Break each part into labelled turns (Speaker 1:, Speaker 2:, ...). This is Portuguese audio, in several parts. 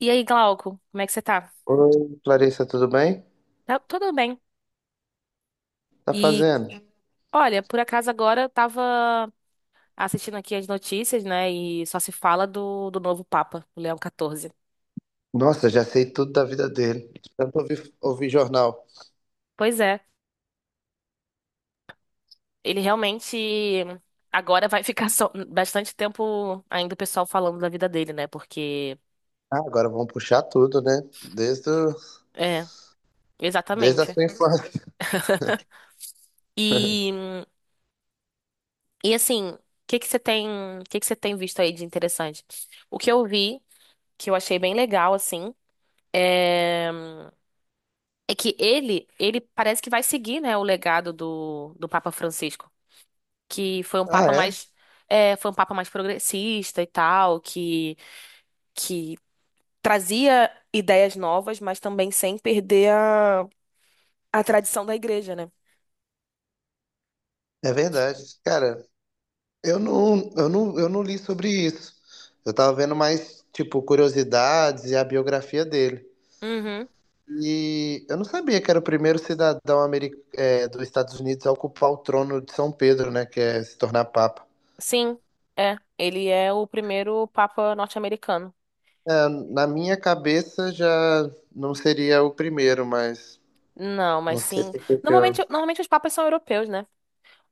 Speaker 1: E aí, Glauco, como é que você tá?
Speaker 2: Oi, Clarissa, tudo bem?
Speaker 1: Tá tudo bem.
Speaker 2: Tá
Speaker 1: E
Speaker 2: fazendo?
Speaker 1: Olha, por acaso agora eu tava assistindo aqui as notícias, né? E só se fala do novo Papa, o Leão XIV.
Speaker 2: Nossa, já sei tudo da vida dele. Tanto ouvi jornal.
Speaker 1: Pois é, ele realmente agora vai bastante tempo ainda o pessoal falando da vida dele, né? Porque.
Speaker 2: Ah, agora vamos puxar tudo, né? Desde, o-
Speaker 1: É,
Speaker 2: desde a
Speaker 1: exatamente.
Speaker 2: sua infância.
Speaker 1: E, e assim, que que você tem, o que que você tem visto aí de interessante? O que eu vi, que Eu achei bem legal, assim. é É que ele parece que vai seguir, né, o legado do Papa Francisco, que foi um
Speaker 2: Ah, é?
Speaker 1: é, foi um papa mais progressista e tal, que trazia ideias novas, mas também sem perder a tradição da igreja, né?
Speaker 2: É verdade. Cara, eu não li sobre isso. Eu tava vendo mais, tipo, curiosidades e a biografia dele.
Speaker 1: Uhum,
Speaker 2: E eu não sabia que era o primeiro cidadão dos Estados Unidos a ocupar o trono de São Pedro, né? Que é se tornar papa.
Speaker 1: sim, é. Ele é o primeiro papa norte-americano.
Speaker 2: Na minha cabeça já não seria o primeiro, mas
Speaker 1: Não, mas
Speaker 2: não sei
Speaker 1: sim.
Speaker 2: por que que eu.
Speaker 1: Normalmente os papas são europeus, né?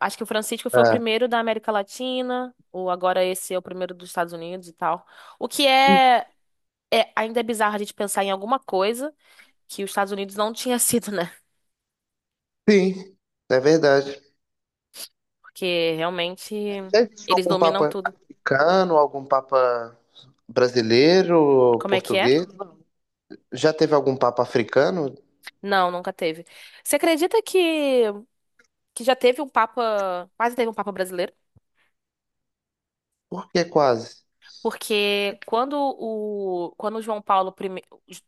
Speaker 1: Acho que o Francisco foi o
Speaker 2: Ah,
Speaker 1: primeiro da América Latina, ou agora esse é o primeiro dos Estados Unidos e tal. O que é. É, ainda é bizarro a gente pensar em alguma coisa que os Estados Unidos não tinha sido, né?
Speaker 2: sim, é verdade.
Speaker 1: Porque realmente
Speaker 2: Já existe
Speaker 1: eles
Speaker 2: algum
Speaker 1: dominam
Speaker 2: papa
Speaker 1: tudo.
Speaker 2: africano, algum papa brasileiro,
Speaker 1: Como é que é?
Speaker 2: português? Já teve algum papa africano?
Speaker 1: Não, nunca teve. Você acredita que já teve um Papa, quase teve um Papa brasileiro?
Speaker 2: Por que quase?
Speaker 1: Porque quando o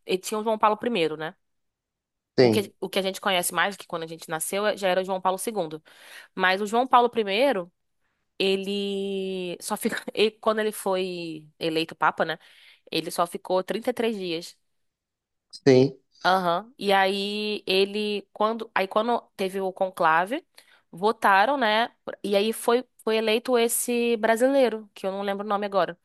Speaker 1: ele tinha o João Paulo I, né?
Speaker 2: Sim,
Speaker 1: O que A gente conhece mais, que quando a gente nasceu, já era o João Paulo segundo. Mas o João Paulo I Ele só fica. E quando ele foi eleito Papa, né? Ele só ficou 33 dias.
Speaker 2: sim.
Speaker 1: Aham. Aí quando teve o conclave, votaram, né? E aí foi eleito esse brasileiro, que eu não lembro o nome agora.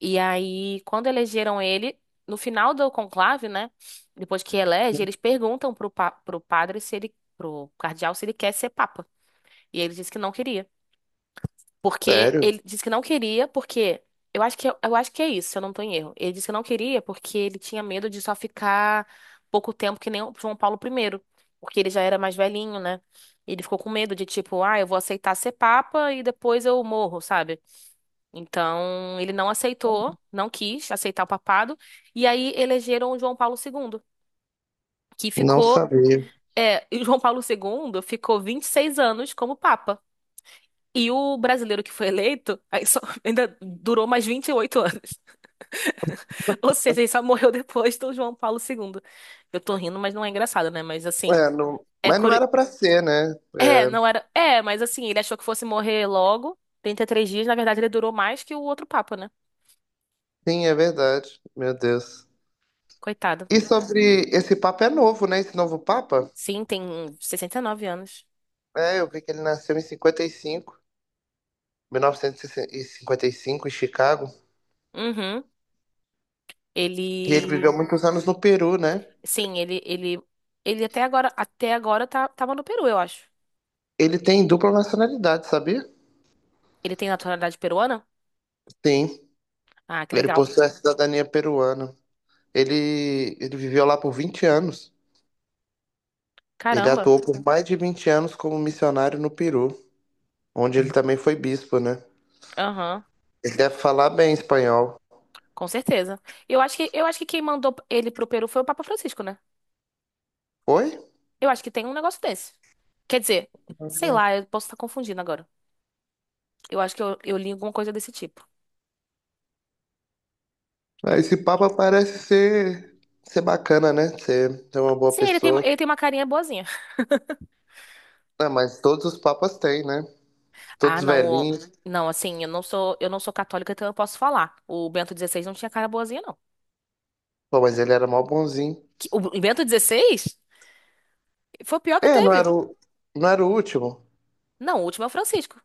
Speaker 1: E aí, quando elegeram ele, no final do conclave, né? Depois que elege, eles perguntam pro padre se ele. Pro cardeal se ele quer ser papa. E ele disse que não queria. Porque
Speaker 2: Sério?
Speaker 1: ele disse que não queria, porque. Eu acho eu acho que é isso, se eu não tô em erro. Ele disse que não queria porque ele tinha medo de só ficar pouco tempo que nem o João Paulo primeiro, porque ele já era mais velhinho, né? Ele ficou com medo de tipo, ah, eu vou aceitar ser papa e depois eu morro, sabe? Então, ele não aceitou, não quis aceitar o papado, e aí elegeram o João Paulo segundo que
Speaker 2: Não
Speaker 1: ficou,
Speaker 2: sabia.
Speaker 1: é, e o João Paulo segundo ficou 26 anos como papa. E o brasileiro que foi eleito ainda durou mais 28 anos. Ou seja, ele só morreu depois do João Paulo II. Eu tô rindo, mas não é engraçado, né? Mas assim,
Speaker 2: É, não.
Speaker 1: é
Speaker 2: Mas não
Speaker 1: curi...
Speaker 2: era pra ser, né?
Speaker 1: É,
Speaker 2: É.
Speaker 1: não era. É, mas assim, ele achou que fosse morrer logo, 33 dias. Na verdade, ele durou mais que o outro Papa, né?
Speaker 2: Sim, é verdade. Meu Deus.
Speaker 1: Coitado.
Speaker 2: E sobre esse papa é novo, né? Esse novo papa?
Speaker 1: Sim, tem 69 anos.
Speaker 2: É, eu vi que ele nasceu em cinquenta cinquenta e cinco 1955 em Chicago.
Speaker 1: Uhum.
Speaker 2: E ele viveu
Speaker 1: Ele.
Speaker 2: muitos anos no Peru, né?
Speaker 1: Sim, ele, ele. Ele até agora tava no Peru, eu acho.
Speaker 2: Ele tem dupla nacionalidade, sabia?
Speaker 1: Ele tem naturalidade peruana?
Speaker 2: Sim,
Speaker 1: Ah, que
Speaker 2: ele
Speaker 1: legal.
Speaker 2: possui a cidadania peruana. Ele viveu lá por 20 anos. Ele
Speaker 1: Caramba.
Speaker 2: atuou por mais de 20 anos como missionário no Peru, onde ele também foi bispo, né?
Speaker 1: Aham.
Speaker 2: Ele deve falar bem espanhol.
Speaker 1: Com certeza. Eu acho eu acho que quem mandou ele pro Peru foi o Papa Francisco, né?
Speaker 2: Oi?
Speaker 1: Eu acho que tem um negócio desse. Quer dizer, sei
Speaker 2: Uhum.
Speaker 1: lá, eu posso estar confundindo agora. Eu acho que eu li alguma coisa desse tipo.
Speaker 2: Ah, esse papa parece ser bacana, né? Ser uma boa
Speaker 1: Sim, ele
Speaker 2: pessoa.
Speaker 1: tem uma carinha boazinha.
Speaker 2: Ah, mas todos os papas têm, né?
Speaker 1: Ah,
Speaker 2: Todos
Speaker 1: não, o-
Speaker 2: velhinhos.
Speaker 1: eu não sou católica, então eu posso falar. O Bento XVI não tinha cara boazinha, não.
Speaker 2: Pô, mas ele era mó bonzinho.
Speaker 1: O Bento XVI foi o pior que
Speaker 2: É,
Speaker 1: teve.
Speaker 2: não era o último?
Speaker 1: Não, o último é o Francisco.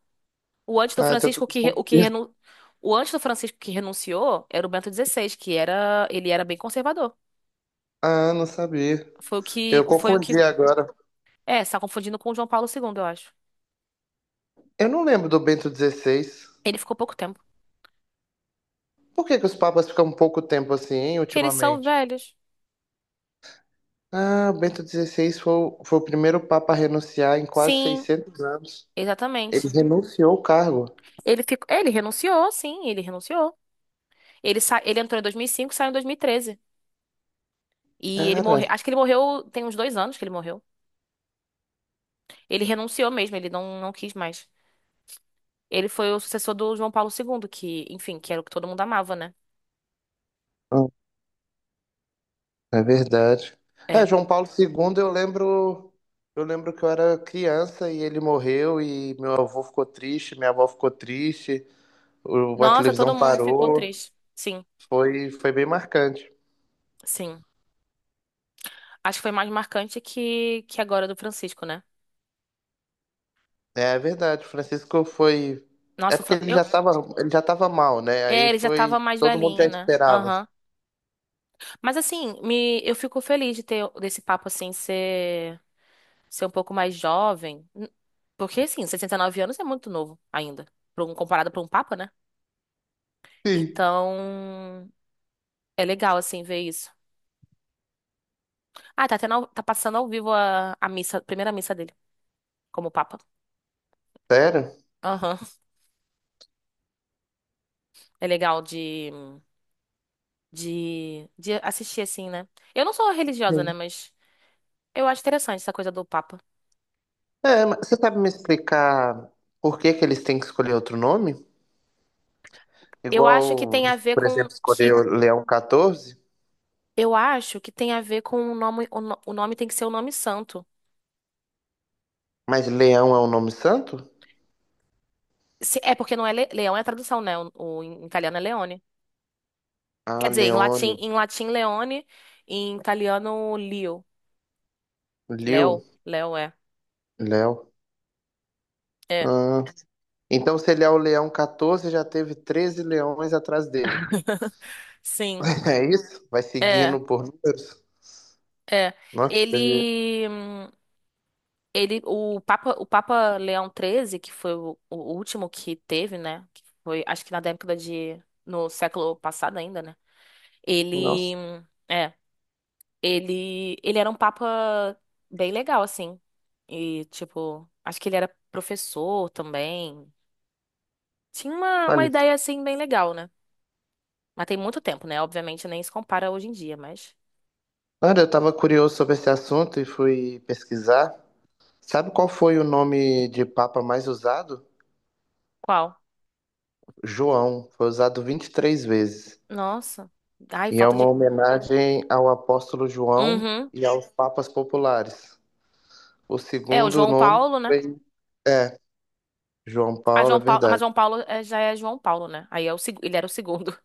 Speaker 1: O antes do
Speaker 2: Ah, então eu tô
Speaker 1: Francisco que, re- o que
Speaker 2: confundindo.
Speaker 1: renu, O antes do Francisco que renunciou era o Bento XVI, ele era bem conservador.
Speaker 2: Ah, não sabia.
Speaker 1: Foi o que,
Speaker 2: Eu
Speaker 1: foi o que,
Speaker 2: confundi agora.
Speaker 1: é, você tá confundindo com o João Paulo II, eu acho.
Speaker 2: Eu não lembro do Bento XVI.
Speaker 1: Ele ficou pouco tempo,
Speaker 2: Por que que os papas ficam um pouco tempo assim, hein,
Speaker 1: porque eles são
Speaker 2: ultimamente?
Speaker 1: velhos.
Speaker 2: Ah, o Bento XVI foi, foi o primeiro papa a renunciar em quase
Speaker 1: Sim,
Speaker 2: 600 anos. Ele
Speaker 1: exatamente.
Speaker 2: renunciou o cargo.
Speaker 1: Ele ficou, é, ele renunciou, sim, ele renunciou. Ele entrou em 2005, saiu em 2013 e ele
Speaker 2: Cara,
Speaker 1: morreu, acho que ele morreu, tem uns dois anos que ele morreu. Ele renunciou mesmo, ele não, não quis mais. Ele foi o sucessor do João Paulo II, que, enfim, que era o que todo mundo amava, né?
Speaker 2: é verdade. É,
Speaker 1: É.
Speaker 2: João Paulo II, eu lembro que eu era criança e ele morreu e meu avô ficou triste, minha avó ficou triste, a
Speaker 1: Nossa,
Speaker 2: televisão
Speaker 1: todo mundo ficou
Speaker 2: parou,
Speaker 1: triste. Sim,
Speaker 2: foi, foi bem marcante.
Speaker 1: sim. Acho que foi mais marcante que agora do Francisco, né?
Speaker 2: É, é verdade, o Francisco foi, é
Speaker 1: Nossa, o
Speaker 2: porque
Speaker 1: Fran- eu,
Speaker 2: ele já tava mal, né?
Speaker 1: É,
Speaker 2: Aí
Speaker 1: ele já tava
Speaker 2: foi,
Speaker 1: mais
Speaker 2: todo mundo já
Speaker 1: velhinho, né?
Speaker 2: esperava.
Speaker 1: Aham. Mas assim, eu fico feliz de ter desse ser um pouco mais jovem. Porque assim, 69 anos é muito novo ainda, comparado pra um papa, né?
Speaker 2: Sim.
Speaker 1: Então, é legal assim ver isso. Ah, tá passando ao vivo a missa, a primeira missa dele como papa.
Speaker 2: Sério?
Speaker 1: Aham. É legal de assistir assim, né? Eu não sou religiosa, né,
Speaker 2: Sim.
Speaker 1: mas eu acho interessante essa coisa do papa.
Speaker 2: É, mas você sabe me explicar por que que eles têm que escolher outro nome?
Speaker 1: Eu acho que
Speaker 2: Igual,
Speaker 1: tem a ver
Speaker 2: por
Speaker 1: com
Speaker 2: exemplo, escolher
Speaker 1: que
Speaker 2: o Leão 14.
Speaker 1: Eu acho que tem a ver com o nome. O, no- O nome tem que ser o nome santo.
Speaker 2: Mas Leão é um nome santo?
Speaker 1: É porque não é leão, é a tradução, né? Em italiano é leone. Quer
Speaker 2: Ah,
Speaker 1: dizer, em
Speaker 2: Leônio.
Speaker 1: em latim leone, em italiano Leo.
Speaker 2: Liu.
Speaker 1: Leo, Leo é.
Speaker 2: Léo.
Speaker 1: É.
Speaker 2: Ah, então, se ele é o Leão 14, já teve 13 leões atrás dele.
Speaker 1: Sim.
Speaker 2: É isso? Vai
Speaker 1: É,
Speaker 2: seguindo por números?
Speaker 1: é.
Speaker 2: Nossa, teve.
Speaker 1: Ele, hum, o Papa Leão XIII, que foi o último que teve, né? Que foi, acho que na no século passado ainda, né?
Speaker 2: Nossa.
Speaker 1: É. Ele era um papa bem legal, assim. E, tipo, acho que ele era professor também. Tinha uma
Speaker 2: Olha,
Speaker 1: ideia, assim, bem legal, né? Mas tem muito tempo, né? Obviamente nem se compara hoje em dia, mas.
Speaker 2: olha, eu tava curioso sobre esse assunto e fui pesquisar. Sabe qual foi o nome de Papa mais usado?
Speaker 1: Qual?
Speaker 2: João. Foi usado 23 vezes.
Speaker 1: Nossa. Ai,
Speaker 2: E é
Speaker 1: falta
Speaker 2: uma
Speaker 1: de.
Speaker 2: homenagem ao apóstolo João
Speaker 1: Uhum.
Speaker 2: e aos papas populares. O
Speaker 1: É, o
Speaker 2: segundo
Speaker 1: João
Speaker 2: nome
Speaker 1: Paulo, né?
Speaker 2: foi. É, João
Speaker 1: Ah,
Speaker 2: Paulo,
Speaker 1: João
Speaker 2: é
Speaker 1: Paulo. Ah, mas
Speaker 2: verdade.
Speaker 1: Já é João Paulo, né? Aí é ele era o segundo.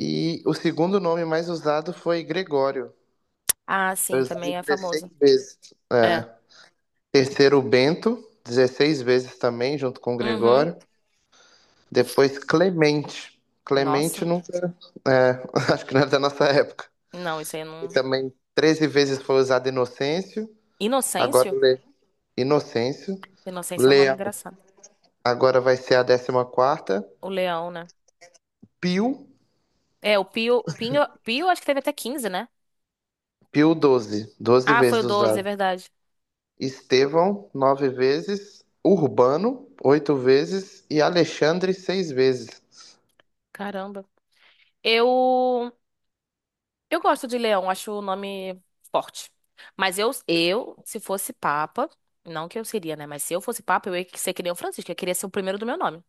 Speaker 2: E o segundo nome mais usado foi Gregório.
Speaker 1: Ah,
Speaker 2: Foi
Speaker 1: sim,
Speaker 2: usado
Speaker 1: também é famoso.
Speaker 2: 16 vezes.
Speaker 1: É.
Speaker 2: É. Terceiro, Bento, 16 vezes também, junto com
Speaker 1: Uhum.
Speaker 2: Gregório. Depois, Clemente. Clemente
Speaker 1: Nossa.
Speaker 2: não. É, acho que não é da nossa época.
Speaker 1: Não, isso aí eu
Speaker 2: E
Speaker 1: não.
Speaker 2: também 13 vezes foi usado Inocêncio. Agora,
Speaker 1: Inocêncio?
Speaker 2: Inocêncio.
Speaker 1: Inocêncio é um nome
Speaker 2: Leão,
Speaker 1: engraçado.
Speaker 2: agora vai ser a décima quarta.
Speaker 1: O leão, né?
Speaker 2: Pio,
Speaker 1: É, o Pio acho que teve até 15, né?
Speaker 2: Pio 12 12
Speaker 1: Ah, foi o
Speaker 2: vezes
Speaker 1: 12, é
Speaker 2: usado.
Speaker 1: verdade.
Speaker 2: Estevão, 9 vezes, Urbano, 8 vezes e Alexandre, 6 vezes.
Speaker 1: Caramba. Eu eu gosto de leão, acho o nome forte. Mas eu, se fosse papa, não que eu seria, né, mas se eu fosse papa, eu ia ser que nem o Francisco, eu queria ser o primeiro do meu nome.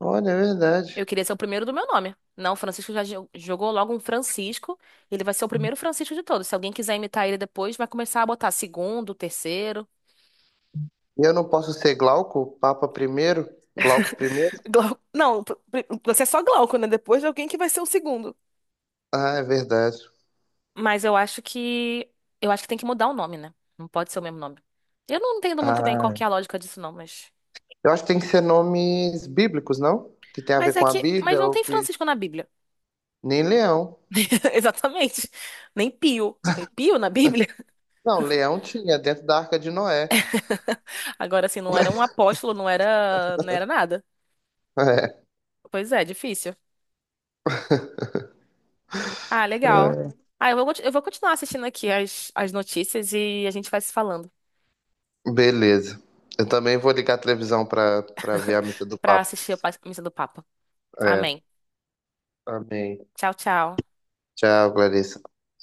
Speaker 2: Olha, é verdade.
Speaker 1: Eu queria ser o primeiro do meu nome. Não, o Francisco jogou logo um Francisco, ele vai ser o primeiro Francisco de todos. Se alguém quiser imitar ele depois, vai começar a botar segundo, terceiro.
Speaker 2: E eu não posso ser Glauco, Papa primeiro, Glauco primeiro?
Speaker 1: Não, você é só Glauco, né? Depois de alguém que vai ser o segundo.
Speaker 2: Ah, é verdade.
Speaker 1: Mas eu acho que eu acho que tem que mudar o nome, né? Não pode ser o mesmo nome. Eu não entendo muito bem qual
Speaker 2: Ah,
Speaker 1: que é a lógica disso, não, mas.
Speaker 2: eu acho que tem que ser nomes bíblicos, não? Que tem a ver
Speaker 1: Mas é
Speaker 2: com a
Speaker 1: que. Mas
Speaker 2: Bíblia
Speaker 1: não
Speaker 2: ou
Speaker 1: tem
Speaker 2: que.
Speaker 1: Francisco na Bíblia.
Speaker 2: Nem leão.
Speaker 1: Exatamente. Nem Pio. Tem Pio na Bíblia.
Speaker 2: Não, leão tinha dentro da Arca de Noé.
Speaker 1: Agora, assim, não era um apóstolo, não era, não era nada.
Speaker 2: É.
Speaker 1: Pois é, difícil. Ah, legal.
Speaker 2: É.
Speaker 1: Ah, eu vou continuar assistindo aqui as notícias e a gente vai se falando
Speaker 2: Beleza. Eu também vou ligar a televisão para ver a missa do
Speaker 1: pra
Speaker 2: Papa.
Speaker 1: assistir a pa- Missa do Papa.
Speaker 2: É.
Speaker 1: Amém.
Speaker 2: Amém.
Speaker 1: Tchau, tchau.
Speaker 2: Tchau, Clarice.